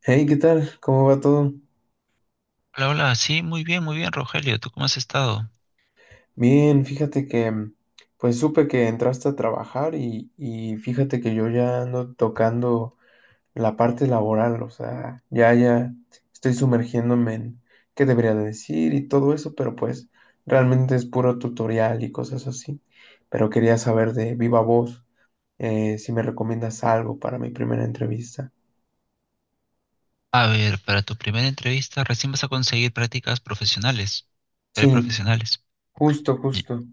Hey, ¿qué tal? ¿Cómo va todo? Hola, hola, sí, muy bien, Rogelio, ¿tú cómo has estado? Bien, fíjate que pues supe que entraste a trabajar y fíjate que yo ya ando tocando la parte laboral, o sea, ya ya estoy sumergiéndome en qué debería de decir y todo eso, pero pues realmente es puro tutorial y cosas así. Pero quería saber de viva voz si me recomiendas algo para mi primera entrevista. A ver, para tu primera entrevista recién vas a conseguir prácticas profesionales, Sí, preprofesionales. justo, Y- justo.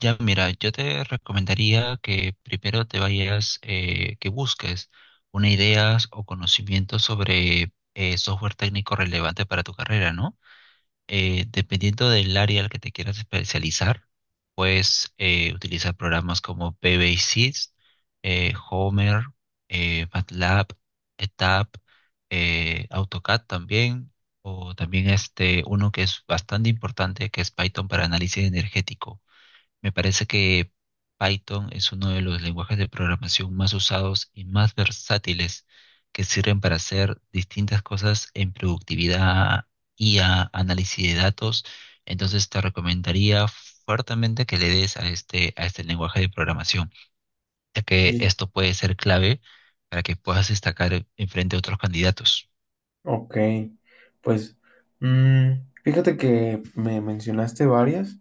Ya, mira, yo te recomendaría que primero te vayas, que busques una idea o conocimiento sobre software técnico relevante para tu carrera, ¿no? Dependiendo del área al que te quieras especializar, puedes utilizar programas como PBSys, Homer, MATLAB, ETAP, AutoCAD también, o también este uno que es bastante importante que es Python para análisis energético. Me parece que Python es uno de los lenguajes de programación más usados y más versátiles que sirven para hacer distintas cosas en productividad, IA, análisis de datos. Entonces te recomendaría fuertemente que le des a este lenguaje de programación, ya que esto puede ser clave para que puedas destacar enfrente a otros candidatos. Ok, pues mm, fíjate que me mencionaste varias.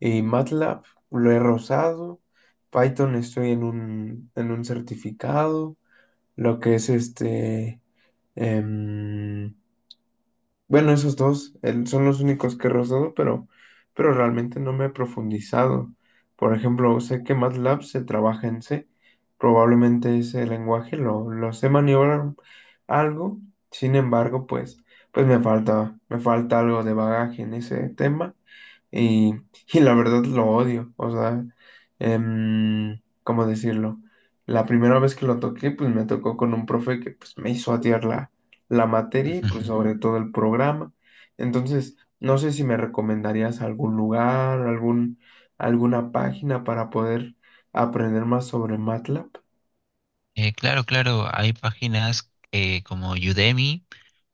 MATLAB lo he rozado, Python estoy en un certificado, lo que es este, em, bueno, esos dos son los únicos que he rozado, pero realmente no me he profundizado. Por ejemplo, sé que MATLAB se trabaja en C. Probablemente ese lenguaje lo sé maniobrar algo. Sin embargo, pues me falta algo de bagaje en ese tema. Y, y la verdad lo odio. O sea, ¿cómo decirlo? La primera vez que lo toqué, pues me tocó con un profe que pues, me hizo atiarla la materia y pues sobre todo el programa. Entonces, no sé si me recomendarías algún lugar, alguna página para poder aprender más sobre MATLAB. Claro, claro, hay páginas como Udemy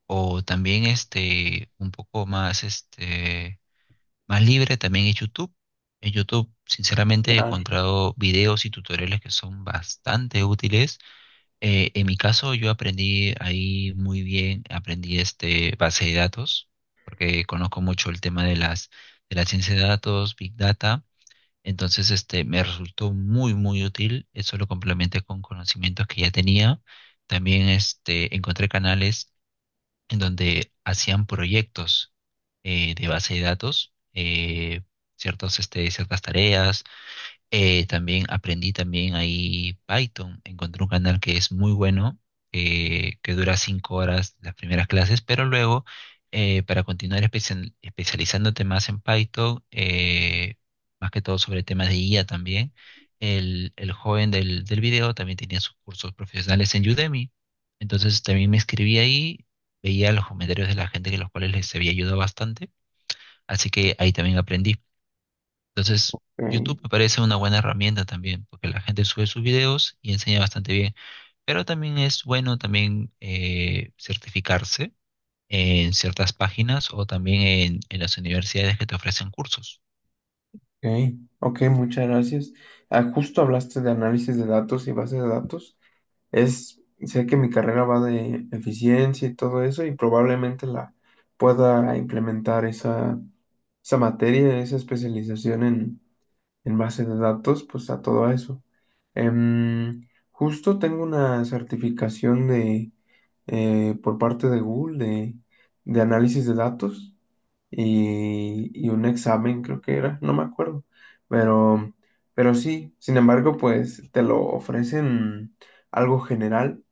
o también este un poco más este más libre también es YouTube. En YouTube, sinceramente, he Ah, encontrado videos y tutoriales que son bastante útiles. En mi caso, yo aprendí ahí muy bien, aprendí este base de datos, porque conozco mucho el tema de las de la ciencia de datos, Big Data. Entonces, este me resultó muy, muy útil. Eso lo complementé con conocimientos que ya tenía. También este encontré canales en donde hacían proyectos de base de datos, ciertas tareas también aprendí también ahí Python. Encontré un canal que es muy bueno, que dura 5 horas las primeras clases, pero luego para continuar especializándote más en Python, más que todo sobre temas de IA también, el joven del video también tenía sus cursos profesionales en Udemy. Entonces también me inscribí ahí, veía los comentarios de la gente que los cuales les había ayudado bastante, así que ahí también aprendí. Entonces, ok, YouTube me parece una buena herramienta también, porque la gente sube sus videos y enseña bastante bien. Pero también es bueno también certificarse en ciertas páginas o también en las universidades que te ofrecen cursos. ok, ok, muchas gracias. Ah, justo hablaste de análisis de datos y base de datos. Es, sé que mi carrera va de eficiencia y todo eso y probablemente la pueda implementar esa materia, esa especialización en base de datos, pues a todo eso. Justo tengo una certificación de, por parte de Google de análisis de datos y un examen, creo que era, no me acuerdo, pero, pero sí, sin embargo, pues te lo ofrecen algo general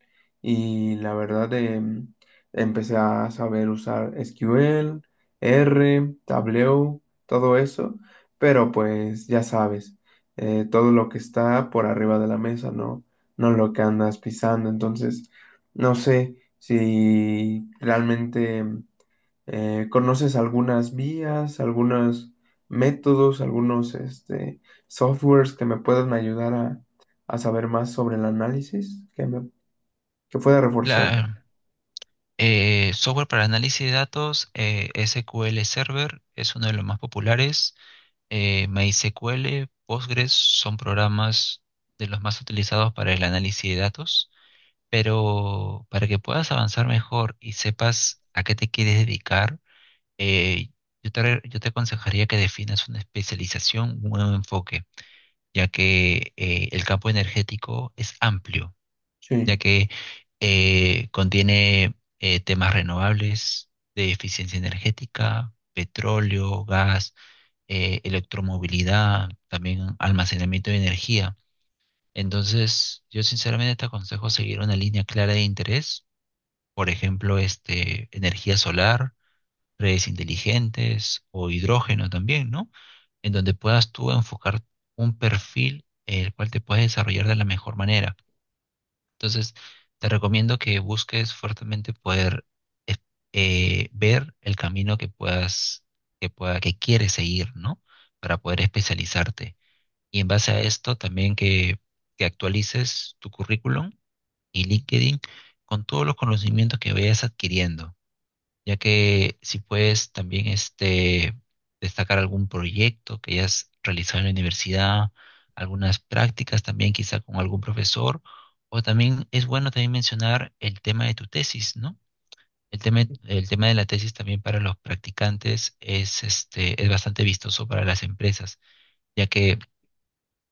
y la verdad empecé a saber usar SQL, R, Tableau, todo eso, pero pues ya sabes, todo lo que está por arriba de la mesa, no, no lo que andas pisando, entonces no sé si realmente ¿conoces algunas vías, algunos métodos, algunos este, softwares que me puedan ayudar a saber más sobre el análisis que pueda reforzar? La, software para análisis de datos, SQL Server, es uno de los más populares. MySQL, Postgres son programas de los más utilizados para el análisis de datos. Pero para que puedas avanzar mejor y sepas a qué te quieres dedicar, eh, yo te aconsejaría que definas una especialización, un nuevo enfoque, ya que el campo energético es amplio, ya Sí, que contiene temas renovables de eficiencia energética, petróleo, gas, electromovilidad, también almacenamiento de energía. Entonces, yo sinceramente te aconsejo seguir una línea clara de interés, por ejemplo, este, energía solar, redes inteligentes o hidrógeno también, ¿no? En donde puedas tú enfocar un perfil el cual te puedes desarrollar de la mejor manera. Entonces, te recomiendo que busques fuertemente poder eh, ver el camino que puedas, que pueda, que quieres seguir, ¿no? Para poder especializarte. Y en base a esto también que actualices tu currículum y LinkedIn con todos los conocimientos que vayas adquiriendo, ya que si puedes también este, destacar algún proyecto que hayas realizado en la universidad, algunas prácticas también quizá con algún profesor, o también es bueno también mencionar el tema de tu tesis, ¿no? El tema de la tesis también para los practicantes es, este, es bastante vistoso para las empresas, ya que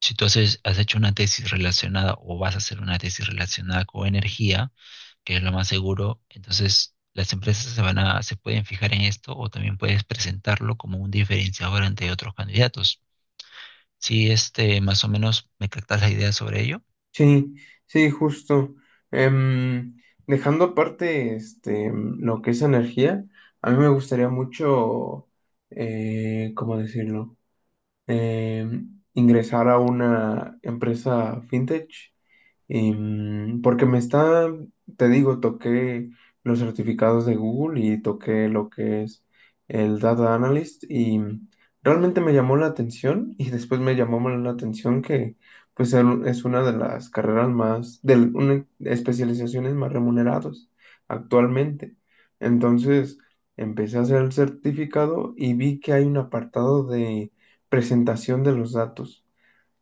si tú has hecho una tesis relacionada o vas a hacer una tesis relacionada con energía, que es lo más seguro, entonces las empresas se van a, se pueden fijar en esto, o también puedes presentarlo como un diferenciador ante otros candidatos. Si este, más o menos me captas la idea sobre ello. sí, sí, justo. Em, dejando aparte este, lo que es energía, a mí me gustaría mucho, ¿cómo decirlo? Ingresar a una empresa fintech, porque me está, te digo, toqué los certificados de Google y toqué lo que es el Data Analyst y realmente me llamó la atención y después me llamó más la atención que pues es una de las carreras más, de una especializaciones más remuneradas actualmente. Entonces empecé a hacer el certificado y vi que hay un apartado de presentación de los datos.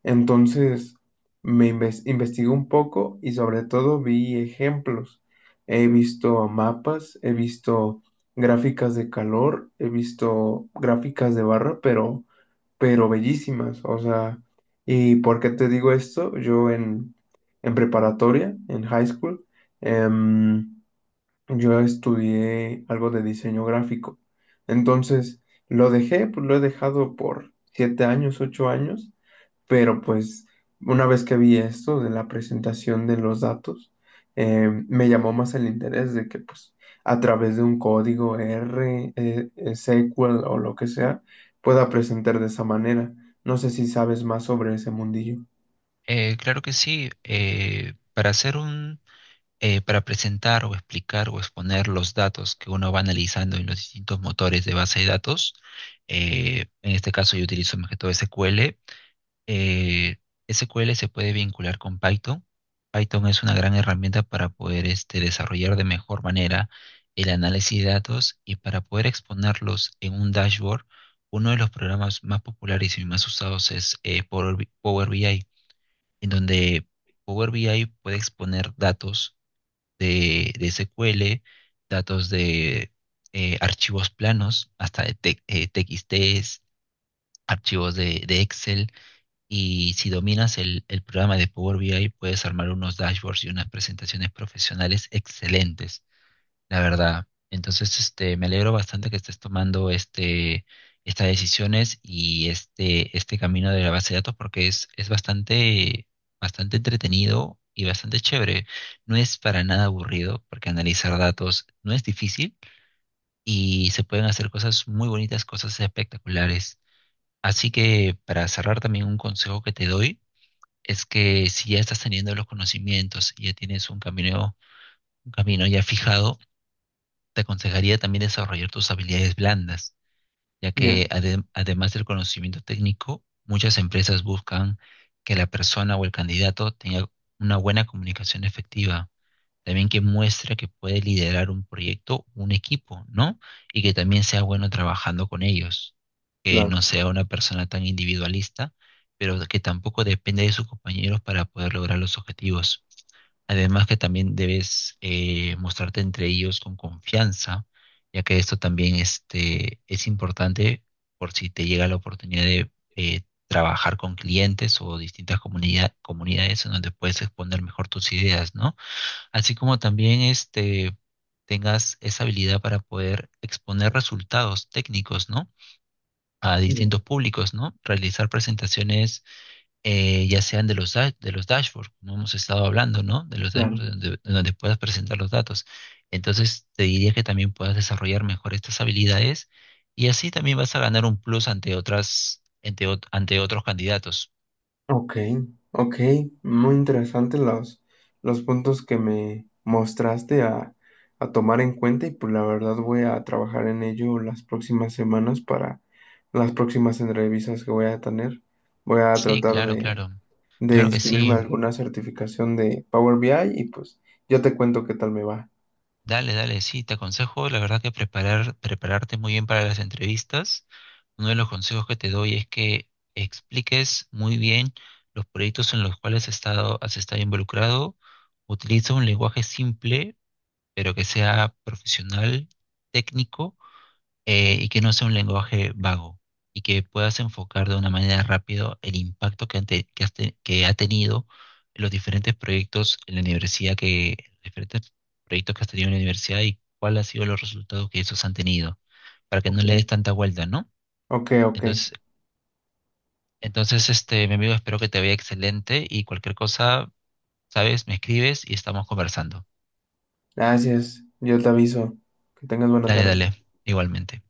Entonces, investigué un poco y sobre todo vi ejemplos. He visto mapas, he visto gráficas de calor, he visto gráficas de barra, pero bellísimas. O sea, ¿y por qué te digo esto? Yo en preparatoria, en high school, em, yo estudié algo de diseño gráfico. Entonces, lo dejé, pues lo he dejado por 7 años, 8 años, pero pues una vez que vi esto de la presentación de los datos, me llamó más el interés de que pues a través de un código R, SQL o lo que sea, pueda presentar de esa manera. No sé si sabes más sobre ese mundillo. Claro que sí. Para presentar o explicar o exponer los datos que uno va analizando en los distintos motores de base de datos, en este caso yo utilizo más que todo SQL. Eh, SQL se puede vincular con Python. Python es una gran herramienta para poder este, desarrollar de mejor manera el análisis de datos y para poder exponerlos en un dashboard. Uno de los programas más populares y más usados es Power BI, en donde Power BI puede exponer datos de SQL, datos de archivos planos, hasta de TXTs, archivos de Excel, y si dominas el programa de Power BI, puedes armar unos dashboards y unas presentaciones profesionales excelentes, la verdad. Entonces, este, me alegro bastante que estés tomando este, estas decisiones y este camino de la base de datos, porque es bastante, bastante entretenido y bastante chévere. No es para nada aburrido, porque analizar datos no es difícil y se pueden hacer cosas muy bonitas, cosas espectaculares. Así que, para cerrar, también un consejo que te doy es que si ya estás teniendo los conocimientos y ya tienes un camino ya fijado, te aconsejaría también desarrollar tus habilidades blandas, ya Ya, que además del conocimiento técnico, muchas empresas buscan que la persona o el candidato tenga una buena comunicación efectiva, también que muestre que puede liderar un proyecto, un equipo, ¿no? Y que también sea bueno trabajando con ellos, que claro, no sea una persona tan individualista, pero que tampoco depende de sus compañeros para poder lograr los objetivos. Además que también debes mostrarte entre ellos con confianza, ya que esto también este, es importante por si te llega la oportunidad de trabajar con clientes o distintas comunidades, en donde puedes exponer mejor tus ideas, ¿no? Así como también este, tengas esa habilidad para poder exponer resultados técnicos, ¿no? A ya, distintos públicos, ¿no? Realizar presentaciones, ya sean de los dashboards, como hemos estado hablando, ¿no? De los claro. dashboards donde, donde puedas presentar los datos. Entonces, te diría que también puedas desarrollar mejor estas habilidades, y así también vas a ganar un plus ante otras, ante otros candidatos. Ok, ok, muy interesantes los puntos que me mostraste a tomar en cuenta y pues la verdad voy a trabajar en ello las próximas semanas para las próximas entrevistas que voy a tener. Voy a Sí, tratar claro, de, claro. de Claro que inscribirme sí. a alguna certificación de Power BI y pues yo te cuento qué tal me va. Dale, dale, sí, te aconsejo, la verdad, que prepararte muy bien para las entrevistas. Uno de los consejos que te doy es que expliques muy bien los proyectos en los cuales has estado involucrado. Utiliza un lenguaje simple, pero que sea profesional, técnico, y que no sea un lenguaje vago, y que puedas enfocar de una manera rápido el impacto que, han que, has te- que ha tenido los diferentes proyectos en la universidad, que diferentes proyectos que has tenido en la universidad, y cuál ha sido los resultados que esos han tenido, para que no Ok, le des tanta vuelta, ¿no? ok, ok. Entonces, entonces, este, mi amigo, espero que te vaya excelente, y cualquier cosa, sabes, me escribes y estamos conversando. Gracias, yo te aviso. Que tengas buena Dale, tarde. dale, igualmente.